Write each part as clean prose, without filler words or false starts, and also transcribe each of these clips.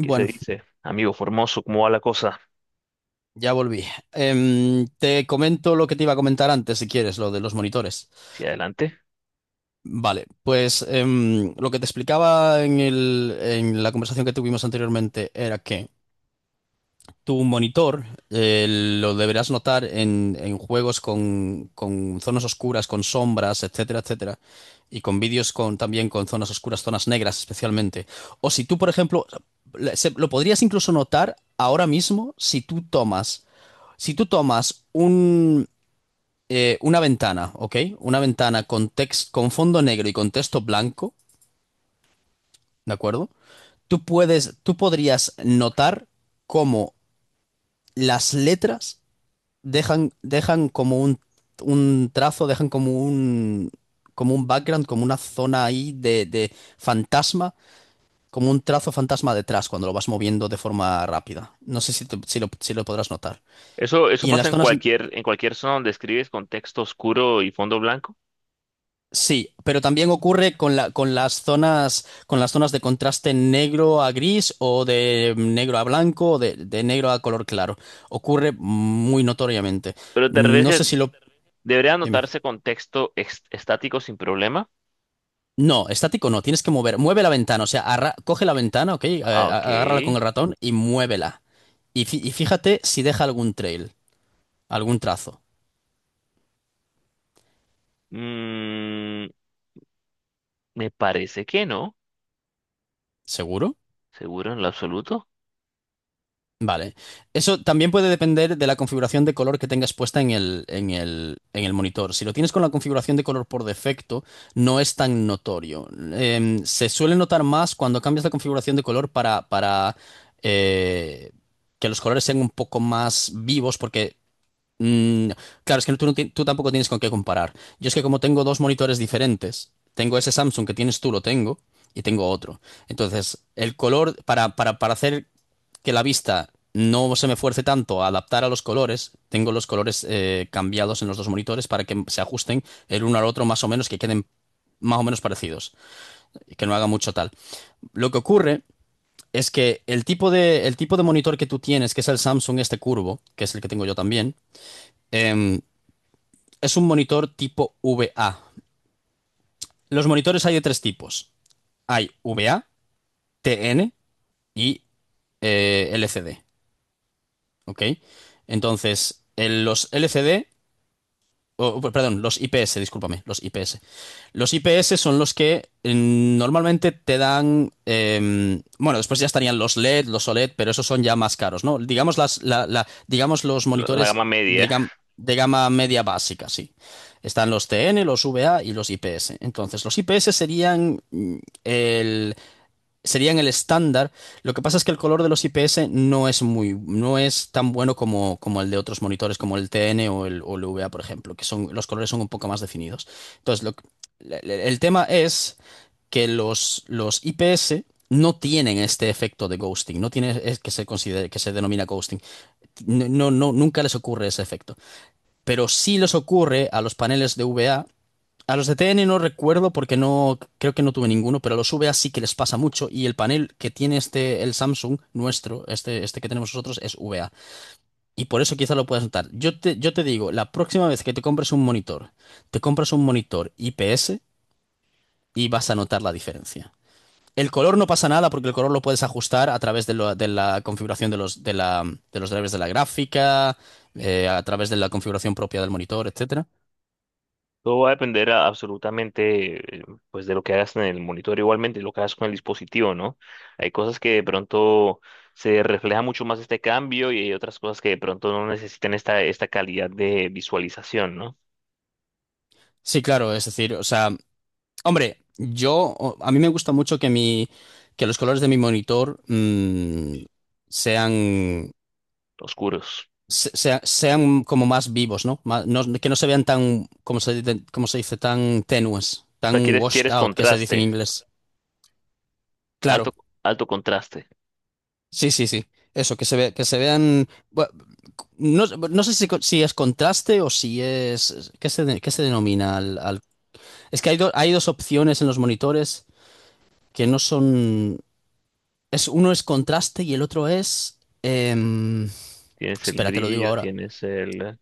¿Qué se dice? Amigo Formoso, ¿cómo va la cosa? ya volví. Te comento lo que te iba a comentar antes, si quieres, lo de los monitores. ¿Hacia adelante? Vale, pues lo que te explicaba en la conversación que tuvimos anteriormente era que tu monitor eh, lo deberás notar en juegos con zonas oscuras, con sombras, etcétera, etcétera, y con vídeos también con zonas oscuras, zonas negras especialmente. O si tú, por ejemplo, lo podrías incluso notar ahora mismo Si tú tomas una ventana, ¿ok? Una ventana con con fondo negro y con texto blanco, ¿de acuerdo? Tú podrías notar cómo las letras dejan como un trazo, dejan como un background, como una zona ahí de fantasma, como un trazo fantasma detrás cuando lo vas moviendo de forma rápida. No sé si lo podrás notar. Eso Y en pasa las en zonas, cualquier zona donde escribes con texto oscuro y fondo blanco, Sí, pero también ocurre con con las zonas de contraste negro a gris o de negro a blanco o de negro a color claro. Ocurre muy notoriamente. pero te No refieres sé que si lo... debería Dime. anotarse con texto estático sin problema. No, estático no, tienes que mover. Mueve la ventana, o sea, coge la ventana, ¿ok? Ah, ok. Agárrala con el ratón y muévela. Y, y fíjate si deja algún trail, algún trazo. Mm, me parece que no, ¿Seguro? seguro en lo absoluto. Vale. Eso también puede depender de la configuración de color que tengas puesta en el monitor. Si lo tienes con la configuración de color por defecto, no es tan notorio. Se suele notar más cuando cambias la configuración de color para eh, que los colores sean un poco más vivos, porque mm, claro, es que tú, tú tampoco tienes con qué comparar. Yo es que como tengo dos monitores diferentes, tengo ese Samsung que tienes tú, lo tengo, y tengo otro. Entonces, el color, para hacer que la vista no se me fuerce tanto a adaptar a los colores, tengo los colores cambiados en los dos monitores para que se ajusten el uno al otro más o menos, que queden más o menos parecidos y que no haga mucho tal. Lo que ocurre es que el tipo de monitor que tú tienes, que es el Samsung este curvo, que es el que tengo yo también, em, es un monitor tipo VA. Los monitores hay de tres tipos. Hay VA, TN y LCD. ¿Ok? Entonces, los LCD, oh, perdón, los IPS, discúlpame, los IPS. Los IPS son los que normalmente te dan, bueno, después ya estarían los LED, los OLED, pero esos son ya más caros, ¿no? Digamos, digamos los La gama monitores de, media. De gama media básica, sí. Están los TN, los VA y los IPS. Entonces, los IPS serían el, serían el estándar. Lo que pasa es que el color de los IPS no es muy, no es tan bueno como, como el de otros monitores, como el TN o o el VA, por ejemplo, que son, los colores son un poco más definidos. Entonces, lo que- le- le- el tema es que los IPS no tienen este efecto de ghosting, no tiene es que se considere, que se denomina ghosting. Nunca les ocurre ese efecto. Pero sí les ocurre a los paneles de VA. A los de TN no recuerdo porque no creo que no tuve ninguno, pero a los VA sí que les pasa mucho, y el panel que tiene este el Samsung nuestro, este que tenemos nosotros es VA, y por eso quizá lo puedas notar. Yo te digo, la próxima vez que te compres un monitor, te compras un monitor IPS y vas a notar la diferencia. El color no pasa nada porque el color lo puedes ajustar a través de, de la configuración de los de la de los drivers de la gráfica, a través de la configuración propia del monitor, etcétera. Todo va a depender absolutamente pues de lo que hagas en el monitor, igualmente lo que hagas con el dispositivo, ¿no? Hay cosas que de pronto se refleja mucho más este cambio y hay otras cosas que de pronto no necesitan esta calidad de visualización, ¿no? Sí, claro, es decir, o sea, hombre, yo, a mí me gusta mucho que que los colores de mi monitor sean, Oscuros. Sean como más vivos, ¿no? Que no se vean tan, como se dice, tan tenues, O sea, tan quieres, washed quieres out, que se dice en contraste, inglés. Claro, alto, alto contraste. sí, sí, sí. Eso, que se vean, no, no sé si, si es contraste o si es, ¿qué se, qué se denomina Es que hay, hay dos opciones en los monitores que no son. Es, uno es contraste y el otro es... Tienes el espera, te lo digo brillo, ahora. tienes el...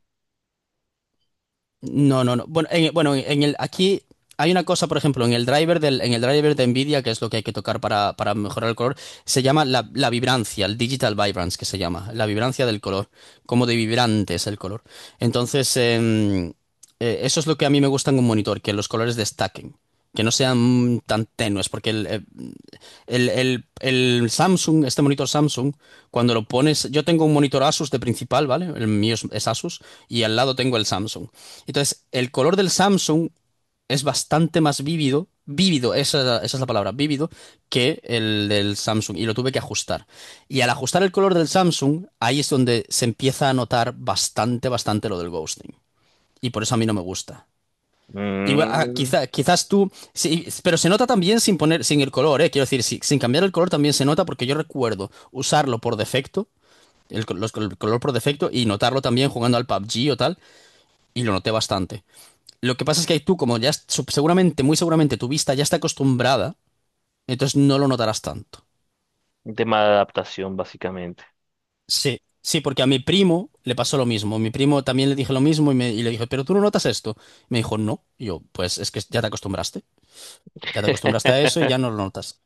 No, no, no. Bueno, en el, aquí hay una cosa, por ejemplo, en el driver del, en el driver de Nvidia, que es lo que hay que tocar para mejorar el color, se llama la vibrancia, el digital vibrance que se llama, la vibrancia del color, como de vibrante es el color. Entonces, eso es lo que a mí me gusta en un monitor, que los colores destaquen, que no sean tan tenues, porque el Samsung, este monitor Samsung, cuando lo pones, yo tengo un monitor Asus de principal, ¿vale? El mío es Asus y al lado tengo el Samsung. Entonces, el color del Samsung es bastante más vívido, vívido, esa es la palabra, vívido, que el del Samsung y lo tuve que ajustar. Y al ajustar el color del Samsung, ahí es donde se empieza a notar bastante, bastante lo del ghosting. Y por eso a mí no me gusta. Igual, ah, mm, quizás tú, sí, pero se nota también sin poner, sin el color, ¿eh? Quiero decir, sin cambiar el color también se nota porque yo recuerdo usarlo por defecto, el color por defecto y notarlo también jugando al PUBG o tal, y lo noté bastante. Lo que pasa es que tú, como ya seguramente, muy seguramente tu vista ya está acostumbrada, entonces no lo notarás tanto. un tema de adaptación, básicamente. Sí. Sí, porque a mi primo le pasó lo mismo. Mi primo también le dije lo mismo y, y le dije, pero tú no notas esto. Me dijo, no. Y yo, pues es que ya te acostumbraste. Ya te acostumbraste a eso y ya no lo notas.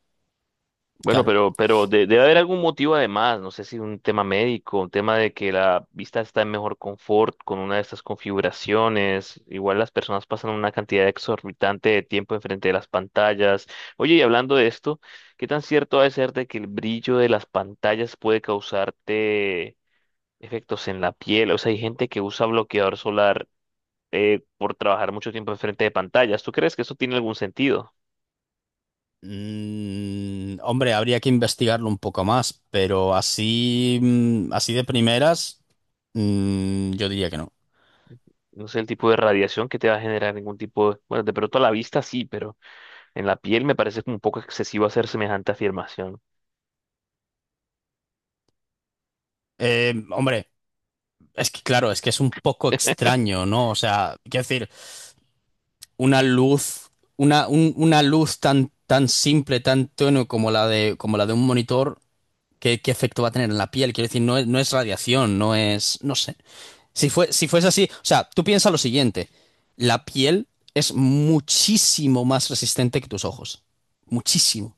Bueno, Claro. pero debe haber algún motivo además, no sé si un tema médico, un tema de que la vista está en mejor confort con una de estas configuraciones. Igual las personas pasan una cantidad exorbitante de tiempo enfrente de las pantallas. Oye, y hablando de esto, ¿qué tan cierto ha de ser de que el brillo de las pantallas puede causarte efectos en la piel? O sea, hay gente que usa bloqueador solar por trabajar mucho tiempo enfrente de pantallas. ¿Tú crees que eso tiene algún sentido? Mm, hombre, habría que investigarlo un poco más, pero así, mm, así de primeras, mm, yo diría que no. No sé el tipo de radiación que te va a generar ningún tipo de... Bueno, de pronto a la vista sí, pero en la piel me parece como un poco excesivo hacer semejante afirmación. Hombre, es que claro, es que es un poco extraño, ¿no? O sea, quiero decir, una luz, una luz tan, tan simple, tan tenue como la de un monitor, ¿qué, qué efecto va a tener en la piel? Quiero decir, no es, no es radiación, no es, no sé. Si fuese así, o sea, tú piensa lo siguiente, la piel es muchísimo más resistente que tus ojos, muchísimo.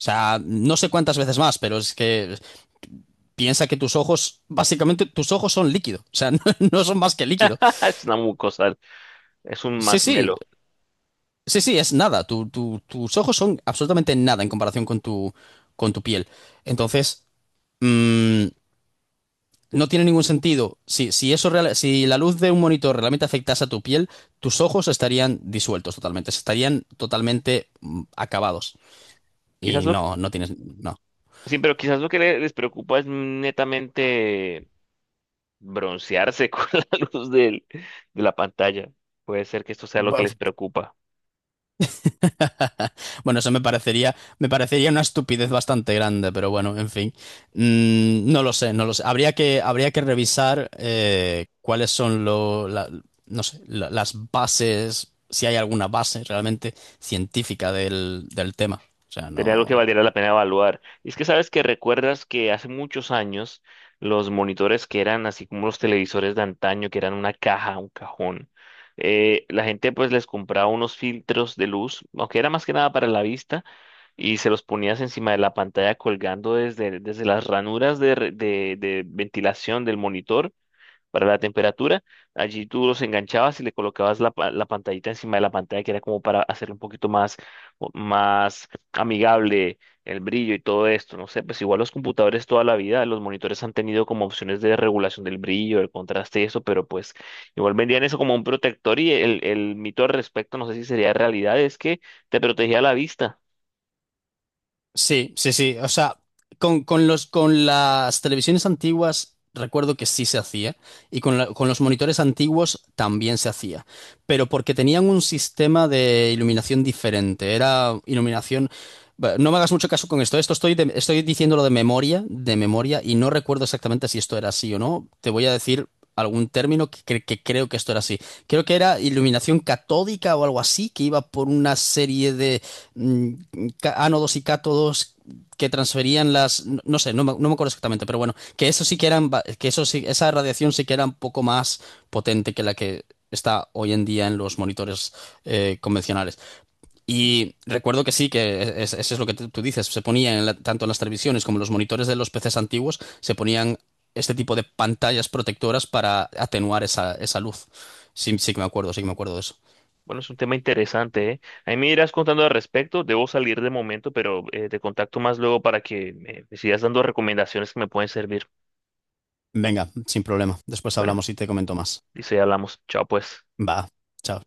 O sea, no sé cuántas veces más, pero es que piensa que tus ojos, básicamente tus ojos son líquido, o sea, no, no son más que líquido. Es una mucosa, es un Sí, sí, masmelo. sí, sí, es nada, tus ojos son absolutamente nada en comparación con tu piel. Entonces, mm, no tiene ningún sentido. Si, si eso si la luz de un monitor realmente afectase a tu piel, tus ojos estarían disueltos totalmente, estarían totalmente acabados. Quizás Y lo que... no, no tienes, no. Sí, pero quizás lo que les preocupa es netamente broncearse con la luz del- de la pantalla. Puede ser que esto sea lo que les Bu- preocupa. Bueno, eso me parecería una estupidez bastante grande, pero bueno, en fin. Mm, no lo sé, no lo sé. Habría que revisar cuáles son no sé, las bases, si hay alguna base realmente científica del, del tema. O sea, Sería algo que no. valiera la pena evaluar. Y es que sabes que recuerdas que hace muchos años los monitores que eran así como los televisores de antaño, que eran una caja, un cajón, la gente pues les compraba unos filtros de luz, aunque era más que nada para la vista, y se los ponías encima de la pantalla colgando desde las ranuras de, de ventilación del monitor para la temperatura. Allí tú los enganchabas y le colocabas la, la pantallita encima de la pantalla, que era como para hacerlo un poquito más, más amigable el brillo y todo esto. No sé, pues igual los computadores toda la vida, los monitores han tenido como opciones de regulación del brillo, el contraste y eso, pero pues igual vendían eso como un protector y el mito al respecto, no sé si sería realidad, es que te protegía la vista. Sí, sí, sí. O sea, con los, con las televisiones antiguas recuerdo que sí se hacía y con, con los monitores antiguos también se hacía, pero porque tenían un sistema de iluminación diferente. Era iluminación... Bueno, no me hagas mucho caso con esto. Esto estoy, estoy diciéndolo de memoria, y no recuerdo exactamente si esto era así o no. Te voy a decir algún término que creo que esto era así. Creo que era iluminación catódica o algo así, que iba por una serie de mm, ánodos y cátodos que transferían las, no sé, no me, no me acuerdo exactamente, pero bueno, que eso sí que eran, que eso sí, esa radiación sí que era un poco más potente que la que está hoy en día en los monitores convencionales. Y recuerdo que sí, que e, e, es- eso es lo que tú dices, se ponía en tanto en las televisiones como en los monitores de los PCs antiguos, se ponían este tipo de pantallas protectoras para atenuar esa, esa luz. Sí, sí que me acuerdo, sí que me acuerdo de eso. Bueno, es un tema interesante, ¿eh? Ahí me irás contando al respecto. Debo salir de momento, pero te contacto más luego para que me sigas dando recomendaciones que me pueden servir. Venga, sin problema. Después Bueno, hablamos y te comento más. dice, hablamos. Chao, pues. Va. Chao.